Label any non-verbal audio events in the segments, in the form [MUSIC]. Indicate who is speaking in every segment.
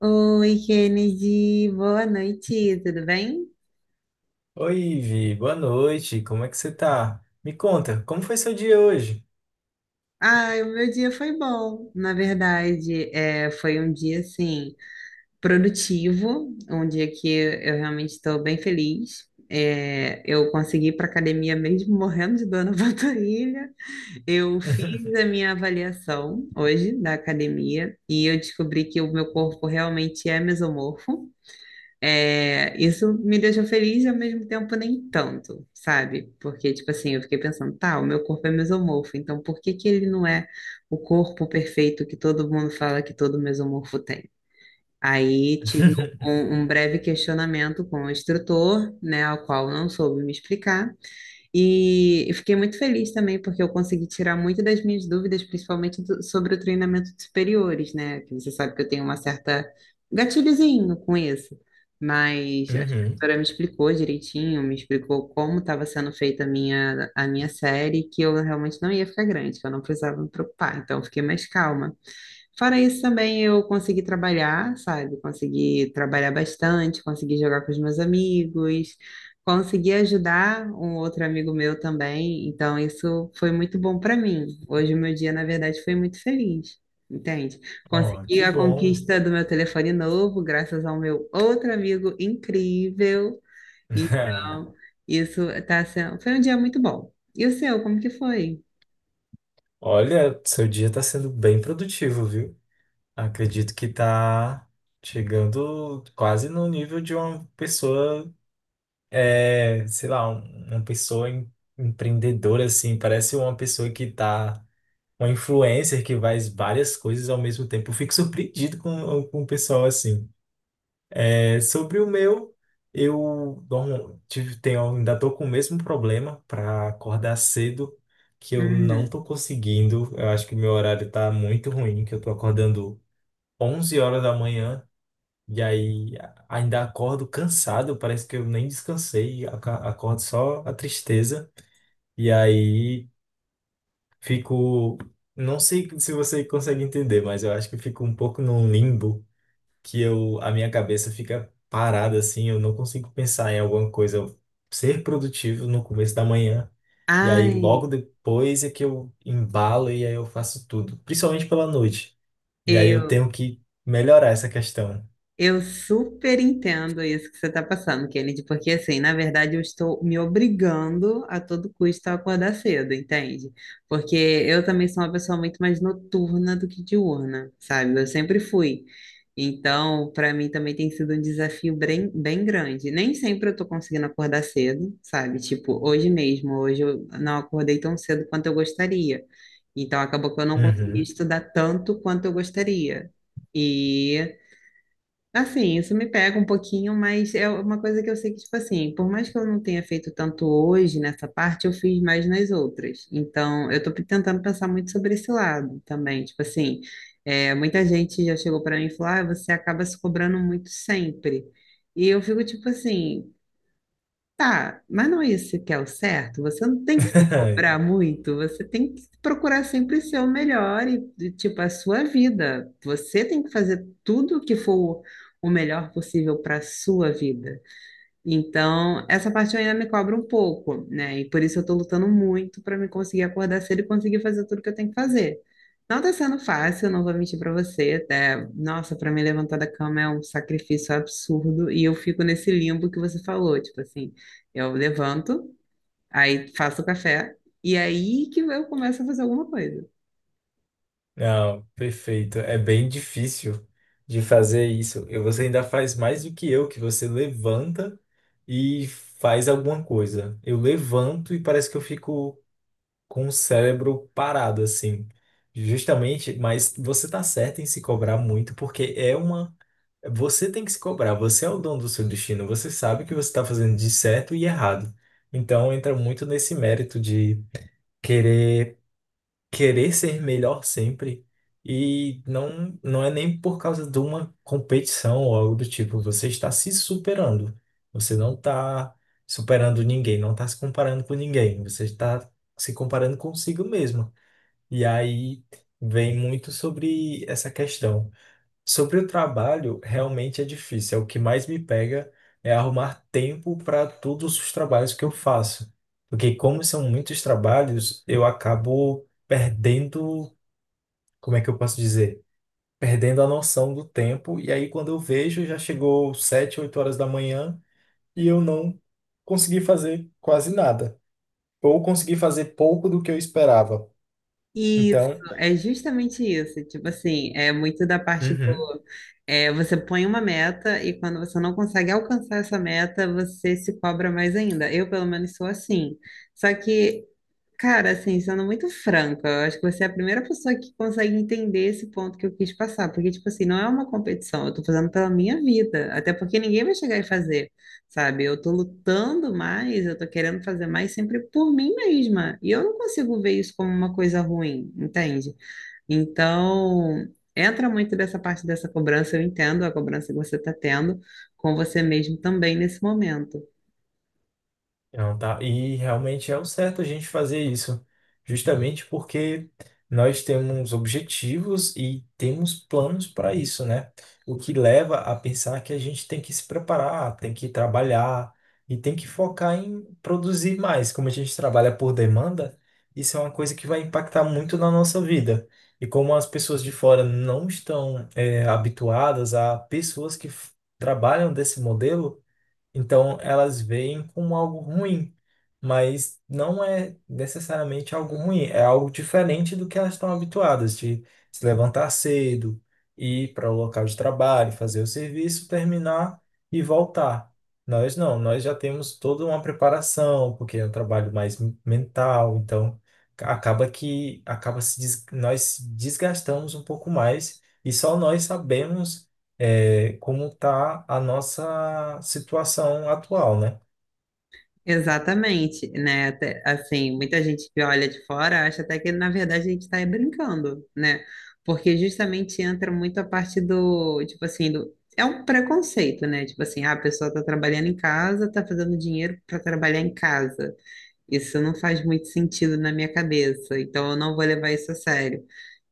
Speaker 1: Oi, Kennedy, boa noite, tudo bem?
Speaker 2: Oi, Vi, boa noite. Como é que você tá? Me conta, como foi seu dia hoje?
Speaker 1: Ai, o meu dia foi bom, na verdade, é, foi um dia, assim, produtivo, um dia que eu realmente estou bem feliz. É, eu consegui ir para academia mesmo morrendo de dor na [LAUGHS] panturrilha, eu fiz a minha avaliação hoje da academia e eu descobri que o meu corpo realmente é mesomorfo. É, isso me deixou feliz e ao mesmo tempo nem tanto, sabe? Porque, tipo assim, eu fiquei pensando, tá, o meu corpo é mesomorfo, então por que que ele não é o corpo perfeito que todo mundo fala que todo mesomorfo tem? Aí tive
Speaker 2: [LAUGHS]
Speaker 1: um breve questionamento com o instrutor, né, ao qual eu não soube me explicar. E eu fiquei muito feliz também, porque eu consegui tirar muito das minhas dúvidas, principalmente sobre o treinamento de superiores, né? Que você sabe que eu tenho uma certa gatilhozinho com isso. Mas a
Speaker 2: Uhum.
Speaker 1: instrutora me explicou direitinho, me explicou como estava sendo feita a minha série, que eu realmente não ia ficar grande, que eu não precisava me preocupar. Então, eu fiquei mais calma. Fora isso, também eu consegui trabalhar, sabe? Consegui trabalhar bastante, consegui jogar com os meus amigos, consegui ajudar um outro amigo meu também. Então, isso foi muito bom para mim. Hoje, o meu dia, na verdade, foi muito feliz, entende?
Speaker 2: Oh,
Speaker 1: Consegui
Speaker 2: que
Speaker 1: a
Speaker 2: bom.
Speaker 1: conquista do meu telefone novo, graças ao meu outro amigo incrível.
Speaker 2: [LAUGHS]
Speaker 1: Então, isso tá sendo... foi um dia muito bom. E o seu, como que foi?
Speaker 2: Olha, seu dia tá sendo bem produtivo, viu? Acredito que tá chegando quase no nível de uma pessoa, é, sei lá, uma pessoa empreendedora, assim. Parece uma pessoa que tá, uma influencer que faz várias coisas ao mesmo tempo. Eu fico surpreendido com o pessoal assim. É, sobre o meu, eu ainda estou com o mesmo problema para acordar cedo, que eu não
Speaker 1: Uhum.
Speaker 2: estou conseguindo. Eu acho que meu horário está muito ruim, que eu estou acordando 11 horas da manhã e aí ainda acordo cansado, parece que eu nem descansei, acordo só a tristeza. E aí fico, não sei se você consegue entender, mas eu acho que fico um pouco num limbo que eu, a minha cabeça fica parada assim, eu não consigo pensar em alguma coisa, eu ser produtivo no começo da manhã, e aí logo
Speaker 1: Ai.
Speaker 2: depois é que eu embalo e aí eu faço tudo, principalmente pela noite. E aí eu
Speaker 1: Eu
Speaker 2: tenho que melhorar essa questão.
Speaker 1: Eu super entendo isso que você está passando, Kennedy, porque assim, na verdade, eu estou me obrigando a todo custo a acordar cedo, entende? Porque eu também sou uma pessoa muito mais noturna do que diurna, sabe? Eu sempre fui. Então, para mim também tem sido um desafio bem, bem grande. Nem sempre eu estou conseguindo acordar cedo, sabe? Tipo, hoje mesmo, hoje eu não acordei tão cedo quanto eu gostaria. Então, acabou que eu não consegui
Speaker 2: Uhum.
Speaker 1: estudar tanto quanto eu gostaria. E assim, isso me pega um pouquinho, mas é uma coisa que eu sei que, tipo assim, por mais que eu não tenha feito tanto hoje nessa parte, eu fiz mais nas outras. Então, eu tô tentando pensar muito sobre esse lado também. Tipo assim, é, muita gente já chegou para mim e falou, ah, você acaba se cobrando muito sempre. E eu fico tipo assim, tá, mas não é isso que é o certo. Você não tem que se cobrar
Speaker 2: [LAUGHS]
Speaker 1: muito, você tem que procurar sempre ser o melhor e, tipo, a sua vida. Você tem que fazer tudo o que for o melhor possível para a sua vida. Então, essa parte ainda me cobra um pouco, né? E por isso eu tô lutando muito para me conseguir acordar cedo e conseguir fazer tudo que eu tenho que fazer. Não tá sendo fácil, não vou mentir para você, até, nossa, para me levantar da cama é um sacrifício absurdo e eu fico nesse limbo que você falou, tipo assim, eu levanto, aí faço o café e aí que eu começo a fazer alguma coisa.
Speaker 2: Não, perfeito. É bem difícil de fazer isso. E você ainda faz mais do que eu, que você levanta e faz alguma coisa. Eu levanto e parece que eu fico com o cérebro parado, assim. Justamente, mas você tá certo em se cobrar muito, porque é uma. Você tem que se cobrar, você é o dono do seu destino, você sabe que você está fazendo de certo e errado. Então entra muito nesse mérito de querer querer ser melhor sempre. E não, não é nem por causa de uma competição ou algo do tipo. Você está se superando. Você não está superando ninguém, não está se comparando com ninguém. Você está se comparando consigo mesmo. E aí vem muito sobre essa questão. Sobre o trabalho, realmente é difícil. É o que mais me pega é arrumar tempo para todos os trabalhos que eu faço. Porque como são muitos trabalhos, eu acabo perdendo, como é que eu posso dizer? Perdendo a noção do tempo. E aí quando eu vejo, já chegou 7, 8 horas da manhã e eu não consegui fazer quase nada. Ou consegui fazer pouco do que eu esperava.
Speaker 1: Isso,
Speaker 2: Então,
Speaker 1: é justamente isso, tipo assim, é muito da parte
Speaker 2: uhum.
Speaker 1: do... é, você põe uma meta e quando você não consegue alcançar essa meta, você se cobra mais ainda. Eu, pelo menos, sou assim. Só que, cara, assim, sendo muito franca, eu acho que você é a primeira pessoa que consegue entender esse ponto que eu quis passar. Porque, tipo assim, não é uma competição, eu tô fazendo pela minha vida. Até porque ninguém vai chegar e fazer, sabe? Eu tô lutando mais, eu tô querendo fazer mais sempre por mim mesma. E eu não consigo ver isso como uma coisa ruim, entende? Então, entra muito dessa parte dessa cobrança, eu entendo a cobrança que você está tendo com você mesmo também nesse momento.
Speaker 2: Não, tá. E realmente é o certo a gente fazer isso, justamente porque nós temos objetivos e temos planos para isso, né? O que leva a pensar que a gente tem que se preparar, tem que trabalhar e tem que focar em produzir mais. Como a gente trabalha por demanda, isso é uma coisa que vai impactar muito na nossa vida. E como as pessoas de fora não estão, habituadas a pessoas que trabalham desse modelo, então elas veem como algo ruim, mas não é necessariamente algo ruim, é algo diferente do que elas estão habituadas de se levantar cedo, ir para o local de trabalho, fazer o serviço, terminar e voltar. Nós não, nós já temos toda uma preparação, porque é um trabalho mais mental, então acaba que acaba se des- nós se desgastamos um pouco mais e só nós sabemos é, como está a nossa situação atual, né?
Speaker 1: Exatamente, né? Até, assim, muita gente que olha de fora acha até que, na verdade, a gente está brincando, né? Porque justamente entra muito a parte do, tipo assim, do, é um preconceito, né? Tipo assim, ah, a pessoa está trabalhando em casa, está fazendo dinheiro para trabalhar em casa. Isso não faz muito sentido na minha cabeça, então eu não vou levar isso a sério.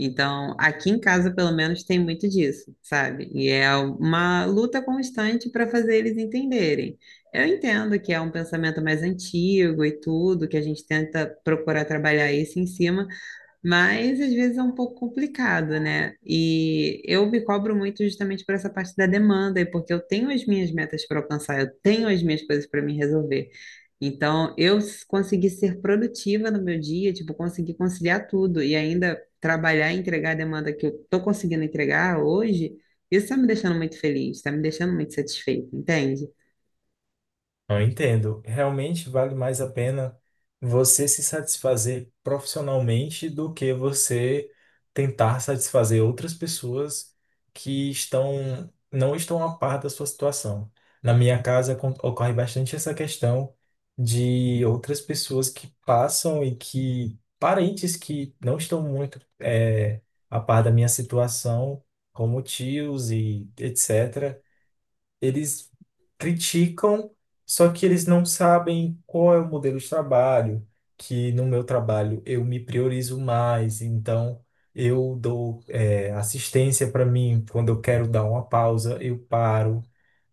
Speaker 1: Então, aqui em casa, pelo menos, tem muito disso, sabe? E é uma luta constante para fazer eles entenderem. Eu entendo que é um pensamento mais antigo e tudo, que a gente tenta procurar trabalhar isso em cima, mas às vezes é um pouco complicado, né? E eu me cobro muito justamente por essa parte da demanda, e porque eu tenho as minhas metas para alcançar, eu tenho as minhas coisas para me resolver. Então, eu consegui ser produtiva no meu dia, tipo, consegui conciliar tudo e ainda trabalhar e entregar a demanda que eu tô conseguindo entregar hoje, isso está me deixando muito feliz, está me deixando muito satisfeita, entende?
Speaker 2: Eu entendo. Realmente vale mais a pena você se satisfazer profissionalmente do que você tentar satisfazer outras pessoas que estão não estão a par da sua situação. Na minha casa ocorre bastante essa questão de outras pessoas que passam e que parentes que não estão muito a par da minha situação, como tios e etc. Eles criticam, só que eles não sabem qual é o modelo de trabalho, que no meu trabalho eu me priorizo mais, então eu dou, é, assistência para mim, quando eu quero dar uma pausa, eu paro.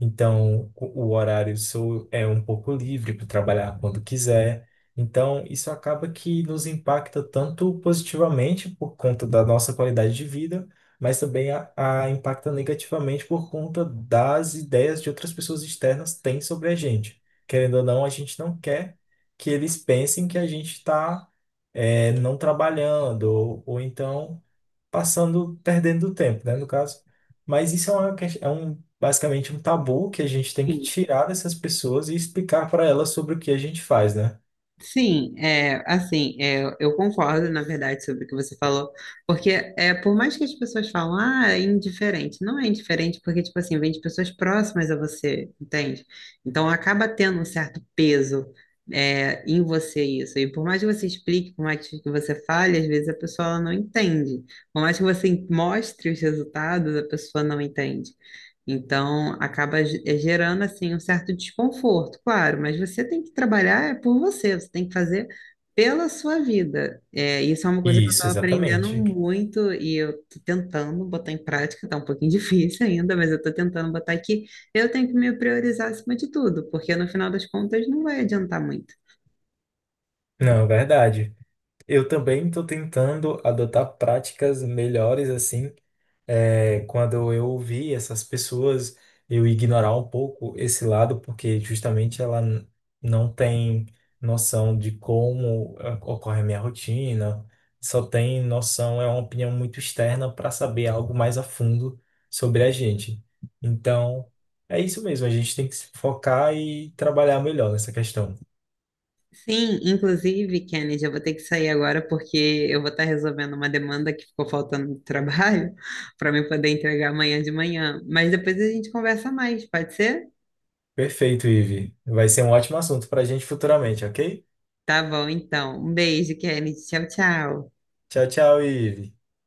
Speaker 2: Então, o horário seu é um pouco livre para trabalhar quando quiser. Então, isso acaba que nos impacta tanto positivamente por conta da nossa qualidade de vida, mas também a impacta negativamente por conta das ideias de outras pessoas externas têm sobre a gente. Querendo ou não, a gente não quer que eles pensem que a gente está, não trabalhando, ou então passando, perdendo tempo, né, no caso. Mas isso é uma, ques- é um, basicamente um tabu que a gente tem que tirar dessas pessoas e explicar para elas sobre o que a gente faz, né?
Speaker 1: Sim, é, assim, é, eu concordo, na verdade, sobre o que você falou, porque é, por mais que as pessoas falam, ah, é indiferente, não é indiferente porque, tipo assim, vem de pessoas próximas a você, entende? Então, acaba tendo um certo peso, é, em você isso, e por mais que você explique, por mais que você fale, às vezes a pessoa ela não entende, por mais que você mostre os resultados, a pessoa não entende. Então, acaba gerando assim um certo desconforto, claro, mas você tem que trabalhar é por você, você tem que fazer pela sua vida. É, isso é uma coisa que eu
Speaker 2: Isso,
Speaker 1: estou aprendendo
Speaker 2: exatamente.
Speaker 1: muito e eu estou tentando botar em prática, está um pouquinho [LAUGHS] difícil ainda, mas eu estou tentando botar aqui. Eu tenho que me priorizar acima de tudo, porque no final das contas não vai adiantar muito.
Speaker 2: Não, é verdade. Eu também estou tentando adotar práticas melhores, assim, é, quando eu ouvi essas pessoas, eu ignorar um pouco esse lado, porque justamente não tem noção de como ah, ocorre a minha rotina, só tem noção, é uma opinião muito externa para saber algo mais a fundo sobre a gente. Então, é isso mesmo, a gente tem que se focar e trabalhar melhor nessa questão.
Speaker 1: Sim, inclusive, Kennedy, eu vou ter que sair agora porque eu vou estar resolvendo uma demanda que ficou faltando no trabalho [LAUGHS] para me poder entregar amanhã de manhã. Mas depois a gente conversa mais, pode ser?
Speaker 2: Perfeito, Ive. Vai ser um ótimo assunto para a gente futuramente, ok?
Speaker 1: Tá bom, então. Um beijo, Kennedy. Tchau, tchau.
Speaker 2: Tchau, tchau, Ive.